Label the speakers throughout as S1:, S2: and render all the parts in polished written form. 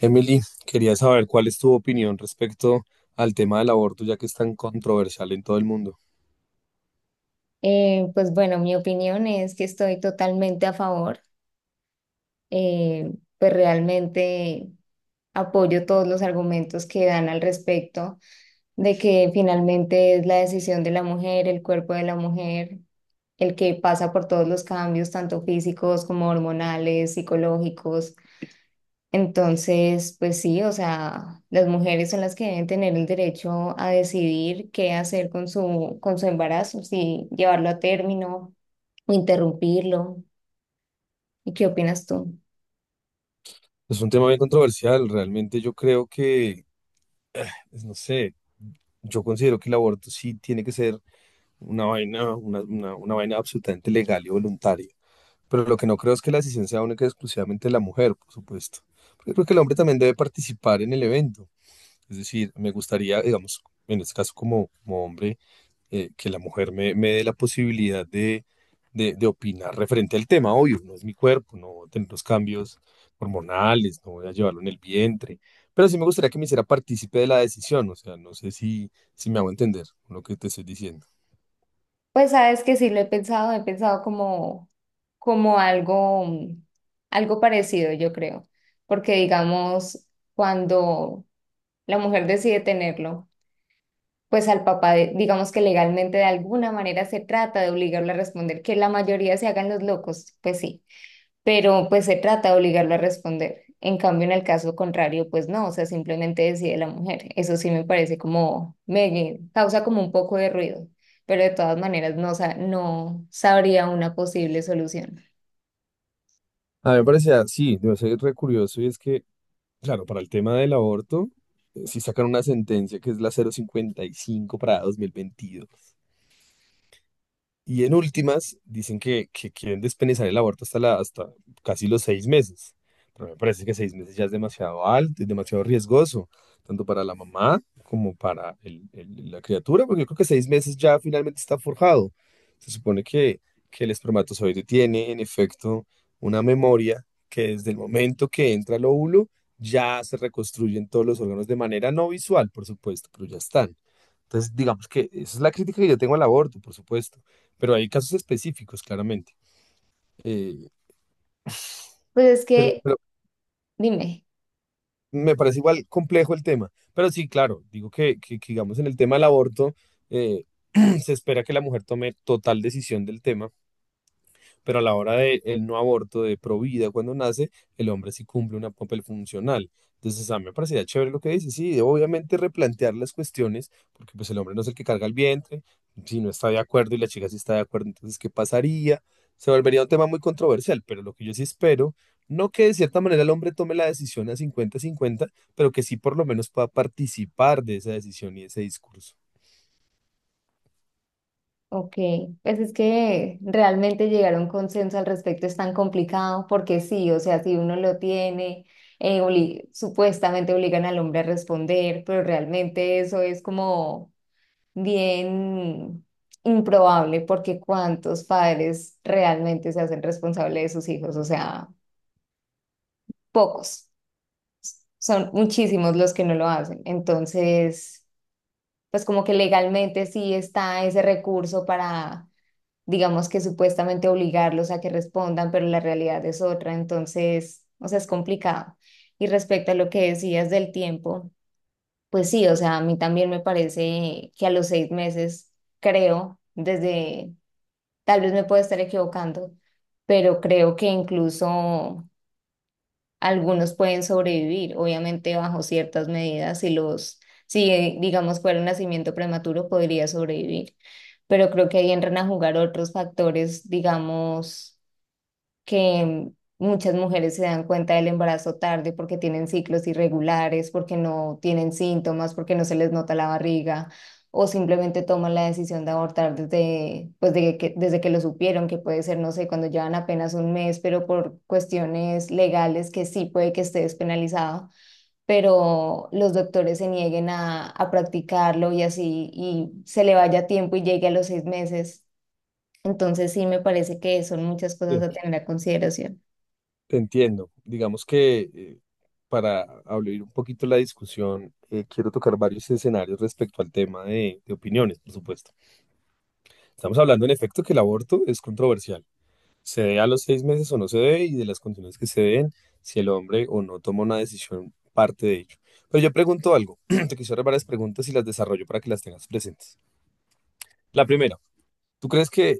S1: Emily, quería saber cuál es tu opinión respecto al tema del aborto, ya que es tan controversial en todo el mundo.
S2: Pues bueno, mi opinión es que estoy totalmente a favor. eh, pues realmente apoyo todos los argumentos que dan al respecto de que finalmente es la decisión de la mujer, el cuerpo de la mujer, el que pasa por todos los cambios, tanto físicos como hormonales, psicológicos. Entonces, pues sí, o sea, las mujeres son las que deben tener el derecho a decidir qué hacer con su embarazo, si llevarlo a término o interrumpirlo. ¿Y qué opinas tú?
S1: Es un tema bien controversial, realmente yo creo que, pues, no sé, yo considero que el aborto sí tiene que ser una vaina, una vaina absolutamente legal y voluntaria, pero lo que no creo es que la decisión sea única y exclusivamente de la mujer, por supuesto, porque creo que el hombre también debe participar en el evento. Es decir, me gustaría, digamos, en este caso como hombre, que la mujer me dé la posibilidad de opinar referente al tema. Obvio, no es mi cuerpo, no voy a tener los cambios hormonales, no voy a llevarlo en el vientre, pero sí me gustaría que me hiciera partícipe de la decisión, o sea, no sé si me hago entender con lo que te estoy diciendo.
S2: Pues sabes que sí lo he pensado, he pensado como algo parecido, yo creo, porque digamos, cuando la mujer decide tenerlo, pues al papá, digamos que legalmente de alguna manera se trata de obligarlo a responder, que la mayoría se hagan los locos, pues sí. Pero pues se trata de obligarlo a responder. En cambio, en el caso contrario, pues no, o sea, simplemente decide la mujer. Eso sí me parece como, me causa como un poco de ruido, pero de todas maneras no, no sabría una posible solución.
S1: A mí me parecía, sí, debe ser re curioso y es que, claro, para el tema del aborto, si sacan una sentencia que es la 055 para 2022. Y en últimas, dicen que quieren despenalizar el aborto hasta casi los 6 meses. Pero me parece que 6 meses ya es demasiado alto, es demasiado riesgoso, tanto para la mamá como para la criatura, porque yo creo que 6 meses ya finalmente está forjado. Se supone que el espermatozoide tiene, en efecto, una memoria que desde el momento que entra el óvulo ya se reconstruyen todos los órganos de manera no visual, por supuesto, pero ya están. Entonces, digamos que esa es la crítica que yo tengo al aborto, por supuesto, pero hay casos específicos, claramente. Eh,
S2: Pues es
S1: pero,
S2: que,
S1: pero
S2: dime.
S1: me parece igual complejo el tema. Pero sí, claro, digo que digamos, en el tema del aborto, eh, se espera que la mujer tome total decisión del tema. Pero a la hora del no aborto de pro vida cuando nace, el hombre sí cumple un papel funcional. Entonces, a mí me parecía chévere lo que dice. Sí, obviamente replantear las cuestiones, porque pues el hombre no es el que carga el vientre, si no está de acuerdo y la chica sí está de acuerdo, entonces, ¿qué pasaría? Se volvería un tema muy controversial, pero lo que yo sí espero, no que de cierta manera el hombre tome la decisión a 50-50, pero que sí por lo menos pueda participar de esa decisión y ese discurso.
S2: Ok, pues es que realmente llegar a un consenso al respecto es tan complicado porque sí, o sea, si uno lo tiene. Supuestamente obligan al hombre a responder, pero realmente eso es como bien improbable porque ¿cuántos padres realmente se hacen responsable de sus hijos? O sea, pocos. Son muchísimos los que no lo hacen. Entonces, pues como que legalmente sí está ese recurso para, digamos que supuestamente obligarlos a que respondan, pero la realidad es otra. Entonces, o sea, es complicado. Y respecto a lo que decías del tiempo, pues sí, o sea, a mí también me parece que a los 6 meses, creo, desde. Tal vez me puedo estar equivocando, pero creo que incluso algunos pueden sobrevivir, obviamente bajo ciertas medidas, si digamos fuera un nacimiento prematuro, podría sobrevivir. Pero creo que ahí entran a jugar otros factores, digamos que muchas mujeres se dan cuenta del embarazo tarde porque tienen ciclos irregulares, porque no tienen síntomas, porque no se les nota la barriga, o simplemente toman la decisión de abortar desde que lo supieron, que puede ser, no sé, cuando llevan apenas un mes, pero por cuestiones legales que sí puede que esté despenalizado pero los doctores se nieguen a practicarlo y así, y se le vaya tiempo y llegue a los 6 meses. Entonces sí me parece que son muchas cosas
S1: Sí.
S2: a tener a consideración.
S1: Entiendo. Digamos que para abrir un poquito la discusión, quiero tocar varios escenarios respecto al tema de opiniones, por supuesto. Estamos hablando en efecto que el aborto es controversial. Se dé a los 6 meses o no se dé y de las condiciones que se den, si el hombre o no toma una decisión parte de ello. Pero yo pregunto algo, te quisiera varias preguntas y las desarrollo para que las tengas presentes. La primera, ¿tú crees que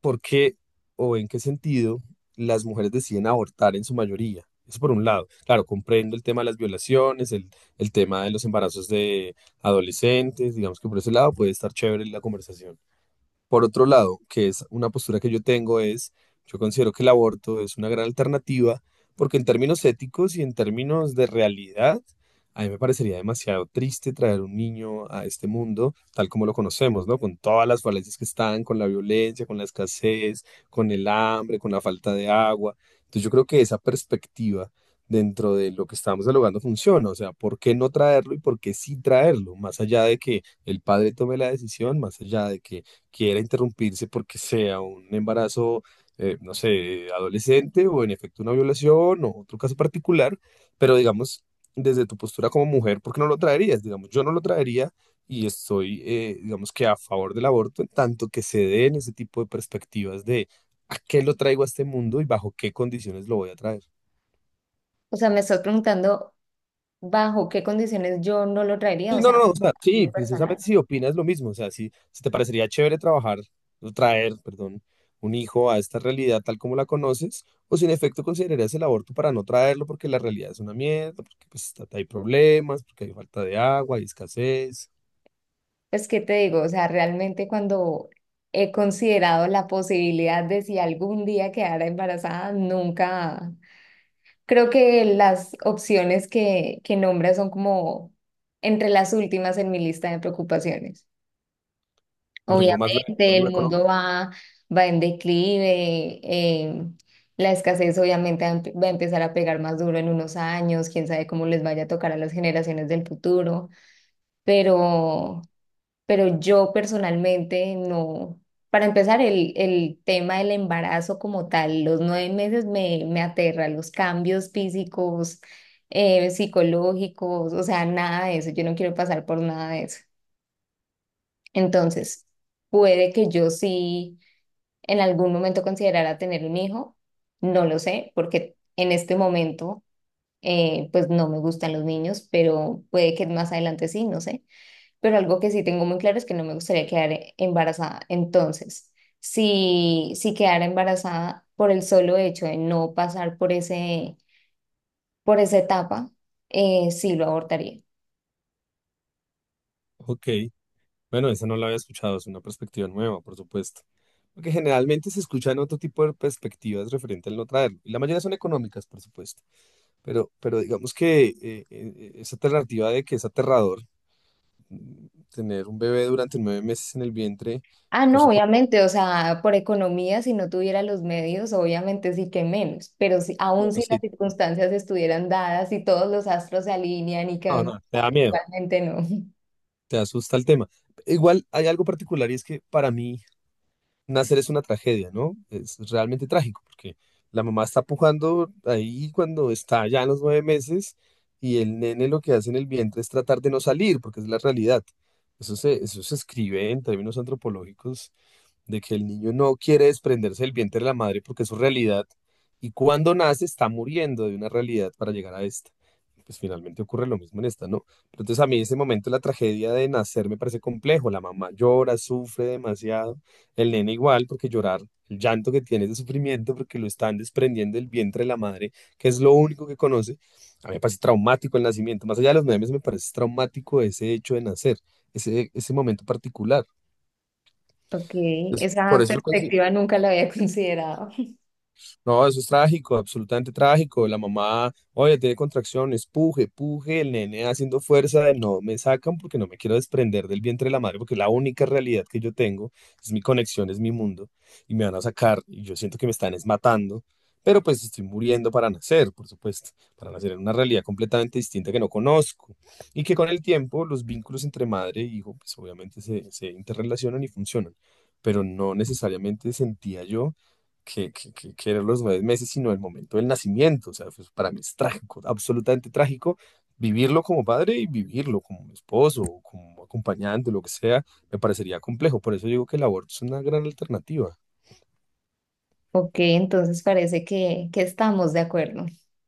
S1: ¿Por qué o en qué sentido las mujeres deciden abortar en su mayoría? Eso por un lado. Claro, comprendo el tema de las violaciones, el tema de los embarazos de adolescentes, digamos que por ese lado puede estar chévere la conversación. Por otro lado, que es una postura que yo tengo, es, yo considero que el aborto es una gran alternativa porque en términos éticos y en términos de realidad, a mí me parecería demasiado triste traer un niño a este mundo tal como lo conocemos, ¿no? Con todas las falencias que están, con la violencia, con la escasez, con el hambre, con la falta de agua. Entonces yo creo que esa perspectiva dentro de lo que estamos dialogando funciona. O sea, ¿por qué no traerlo y por qué sí traerlo? Más allá de que el padre tome la decisión, más allá de que quiera interrumpirse porque sea un embarazo, no sé, adolescente o en efecto una violación o otro caso particular, pero digamos, desde tu postura como mujer, ¿por qué no lo traerías? Digamos, yo no lo traería y estoy, digamos que a favor del aborto en tanto que se den ese tipo de perspectivas de a qué lo traigo a este mundo y bajo qué condiciones lo voy a traer.
S2: O sea, me estás preguntando bajo qué condiciones yo no lo traería,
S1: Sí,
S2: o
S1: no, no,
S2: sea,
S1: no, o sea, sí,
S2: mi personal.
S1: precisamente si opinas lo mismo, o sea, si te parecería chévere trabajar, o traer, perdón, un hijo a esta realidad tal como la conoces, o si en efecto considerarías el aborto para no traerlo porque la realidad es una mierda, porque pues, hay problemas, porque hay falta de agua, hay escasez,
S2: Pues, ¿qué te digo? O sea, realmente cuando he considerado la posibilidad de si algún día quedara embarazada, nunca. Creo que las opciones que nombras son como entre las últimas en mi lista de preocupaciones.
S1: te preocupa más lo,
S2: Obviamente,
S1: lo
S2: el mundo
S1: económico.
S2: va en declive, la escasez obviamente va a empezar a pegar más duro en unos años, quién sabe cómo les vaya a tocar a las generaciones del futuro, pero, pero yo personalmente no. Para empezar, el tema del embarazo como tal, los 9 meses me aterra, los cambios físicos, psicológicos, o sea, nada de eso, yo no quiero pasar por nada de eso. Entonces, puede que yo sí en algún momento considerara tener un hijo, no lo sé, porque en este momento pues no me gustan los niños, pero puede que más adelante sí, no sé. Pero algo que sí tengo muy claro es que no me gustaría quedar embarazada. Entonces, si quedara embarazada por el solo hecho de no pasar por ese, por esa etapa, sí lo abortaría.
S1: Ok, bueno, esa no la había escuchado, es una perspectiva nueva, por supuesto, porque generalmente se escuchan otro tipo de perspectivas referente al no traerlo, y la mayoría son económicas, por supuesto. Pero digamos que esa alternativa de que es aterrador, tener un bebé durante 9 meses en el vientre,
S2: Ah,
S1: por
S2: no,
S1: supuesto,
S2: obviamente, o sea, por economía, si no tuviera los medios, obviamente sí que menos, pero si, aún
S1: no, no,
S2: si las
S1: sí,
S2: circunstancias estuvieran dadas y todos los astros se alinean y
S1: no,
S2: que
S1: no, te da miedo,
S2: realmente no.
S1: te asusta el tema. Igual hay algo particular y es que para mí nacer es una tragedia, ¿no? Es realmente trágico porque la mamá está pujando ahí cuando está ya en los 9 meses y el nene lo que hace en el vientre es tratar de no salir porque es la realidad. Eso se escribe en términos antropológicos de que el niño no quiere desprenderse del vientre de la madre porque es su realidad y cuando nace está muriendo de una realidad para llegar a esta. Pues finalmente ocurre lo mismo en esta, ¿no? Pero entonces a mí ese momento la tragedia de nacer me parece complejo. La mamá llora, sufre demasiado, el nene igual porque llorar, el llanto que tiene es de sufrimiento porque lo están desprendiendo del vientre de la madre, que es lo único que conoce. A mí me parece traumático el nacimiento. Más allá de los memes me parece traumático ese hecho de nacer, ese momento particular.
S2: Ok,
S1: Entonces, por
S2: esa
S1: eso yo.
S2: perspectiva nunca la había considerado.
S1: No, eso es trágico, absolutamente trágico. La mamá, oye, tiene contracciones, puje, puje, el nene haciendo fuerza de no me sacan porque no me quiero desprender del vientre de la madre, porque es la única realidad que yo tengo, es mi conexión, es mi mundo, y me van a sacar, y yo siento que me están es matando, pero pues estoy muriendo para nacer, por supuesto, para nacer en una realidad completamente distinta que no conozco, y que con el tiempo los vínculos entre madre e hijo, pues obviamente se interrelacionan y funcionan, pero no necesariamente sentía yo que eran los 9 meses, sino el momento del nacimiento. O sea, pues, para mí es trágico, absolutamente trágico vivirlo como padre y vivirlo como esposo, o como acompañante, lo que sea, me parecería complejo. Por eso digo que el aborto es una gran alternativa.
S2: Ok, entonces parece que estamos de acuerdo.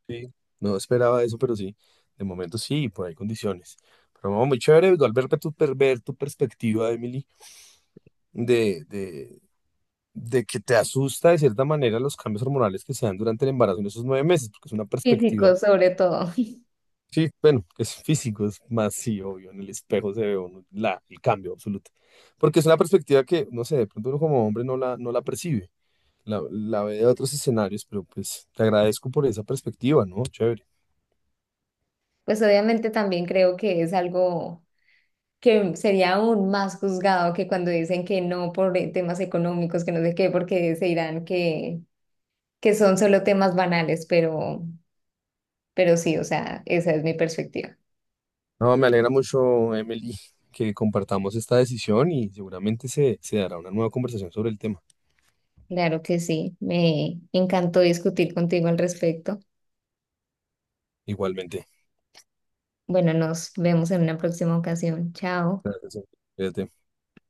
S1: Sí. No esperaba eso, pero sí, de momento sí, por ahí condiciones. Pero no, muy chévere, igual ver tu perspectiva, Emily, de, de, de que te asusta de cierta manera los cambios hormonales que se dan durante el embarazo en esos 9 meses, porque es una perspectiva.
S2: Físicos sobre todo.
S1: Sí, bueno, es físico, es más, sí, obvio, en el espejo se ve uno la, el cambio absoluto. Porque es una perspectiva que, no sé, de pronto uno como hombre no la percibe, la ve de otros escenarios, pero pues te agradezco por esa perspectiva, ¿no? Chévere.
S2: Pues obviamente también creo que es algo que sería aún más juzgado que cuando dicen que no por temas económicos, que no sé qué, porque se dirán que son solo temas banales, pero sí, o sea, esa es mi perspectiva.
S1: No, me alegra mucho, Emily, que compartamos esta decisión y seguramente se dará una nueva conversación sobre el tema.
S2: Claro que sí, me encantó discutir contigo al respecto.
S1: Igualmente.
S2: Bueno, nos vemos en una próxima ocasión. Chao.
S1: Gracias. Cuídate.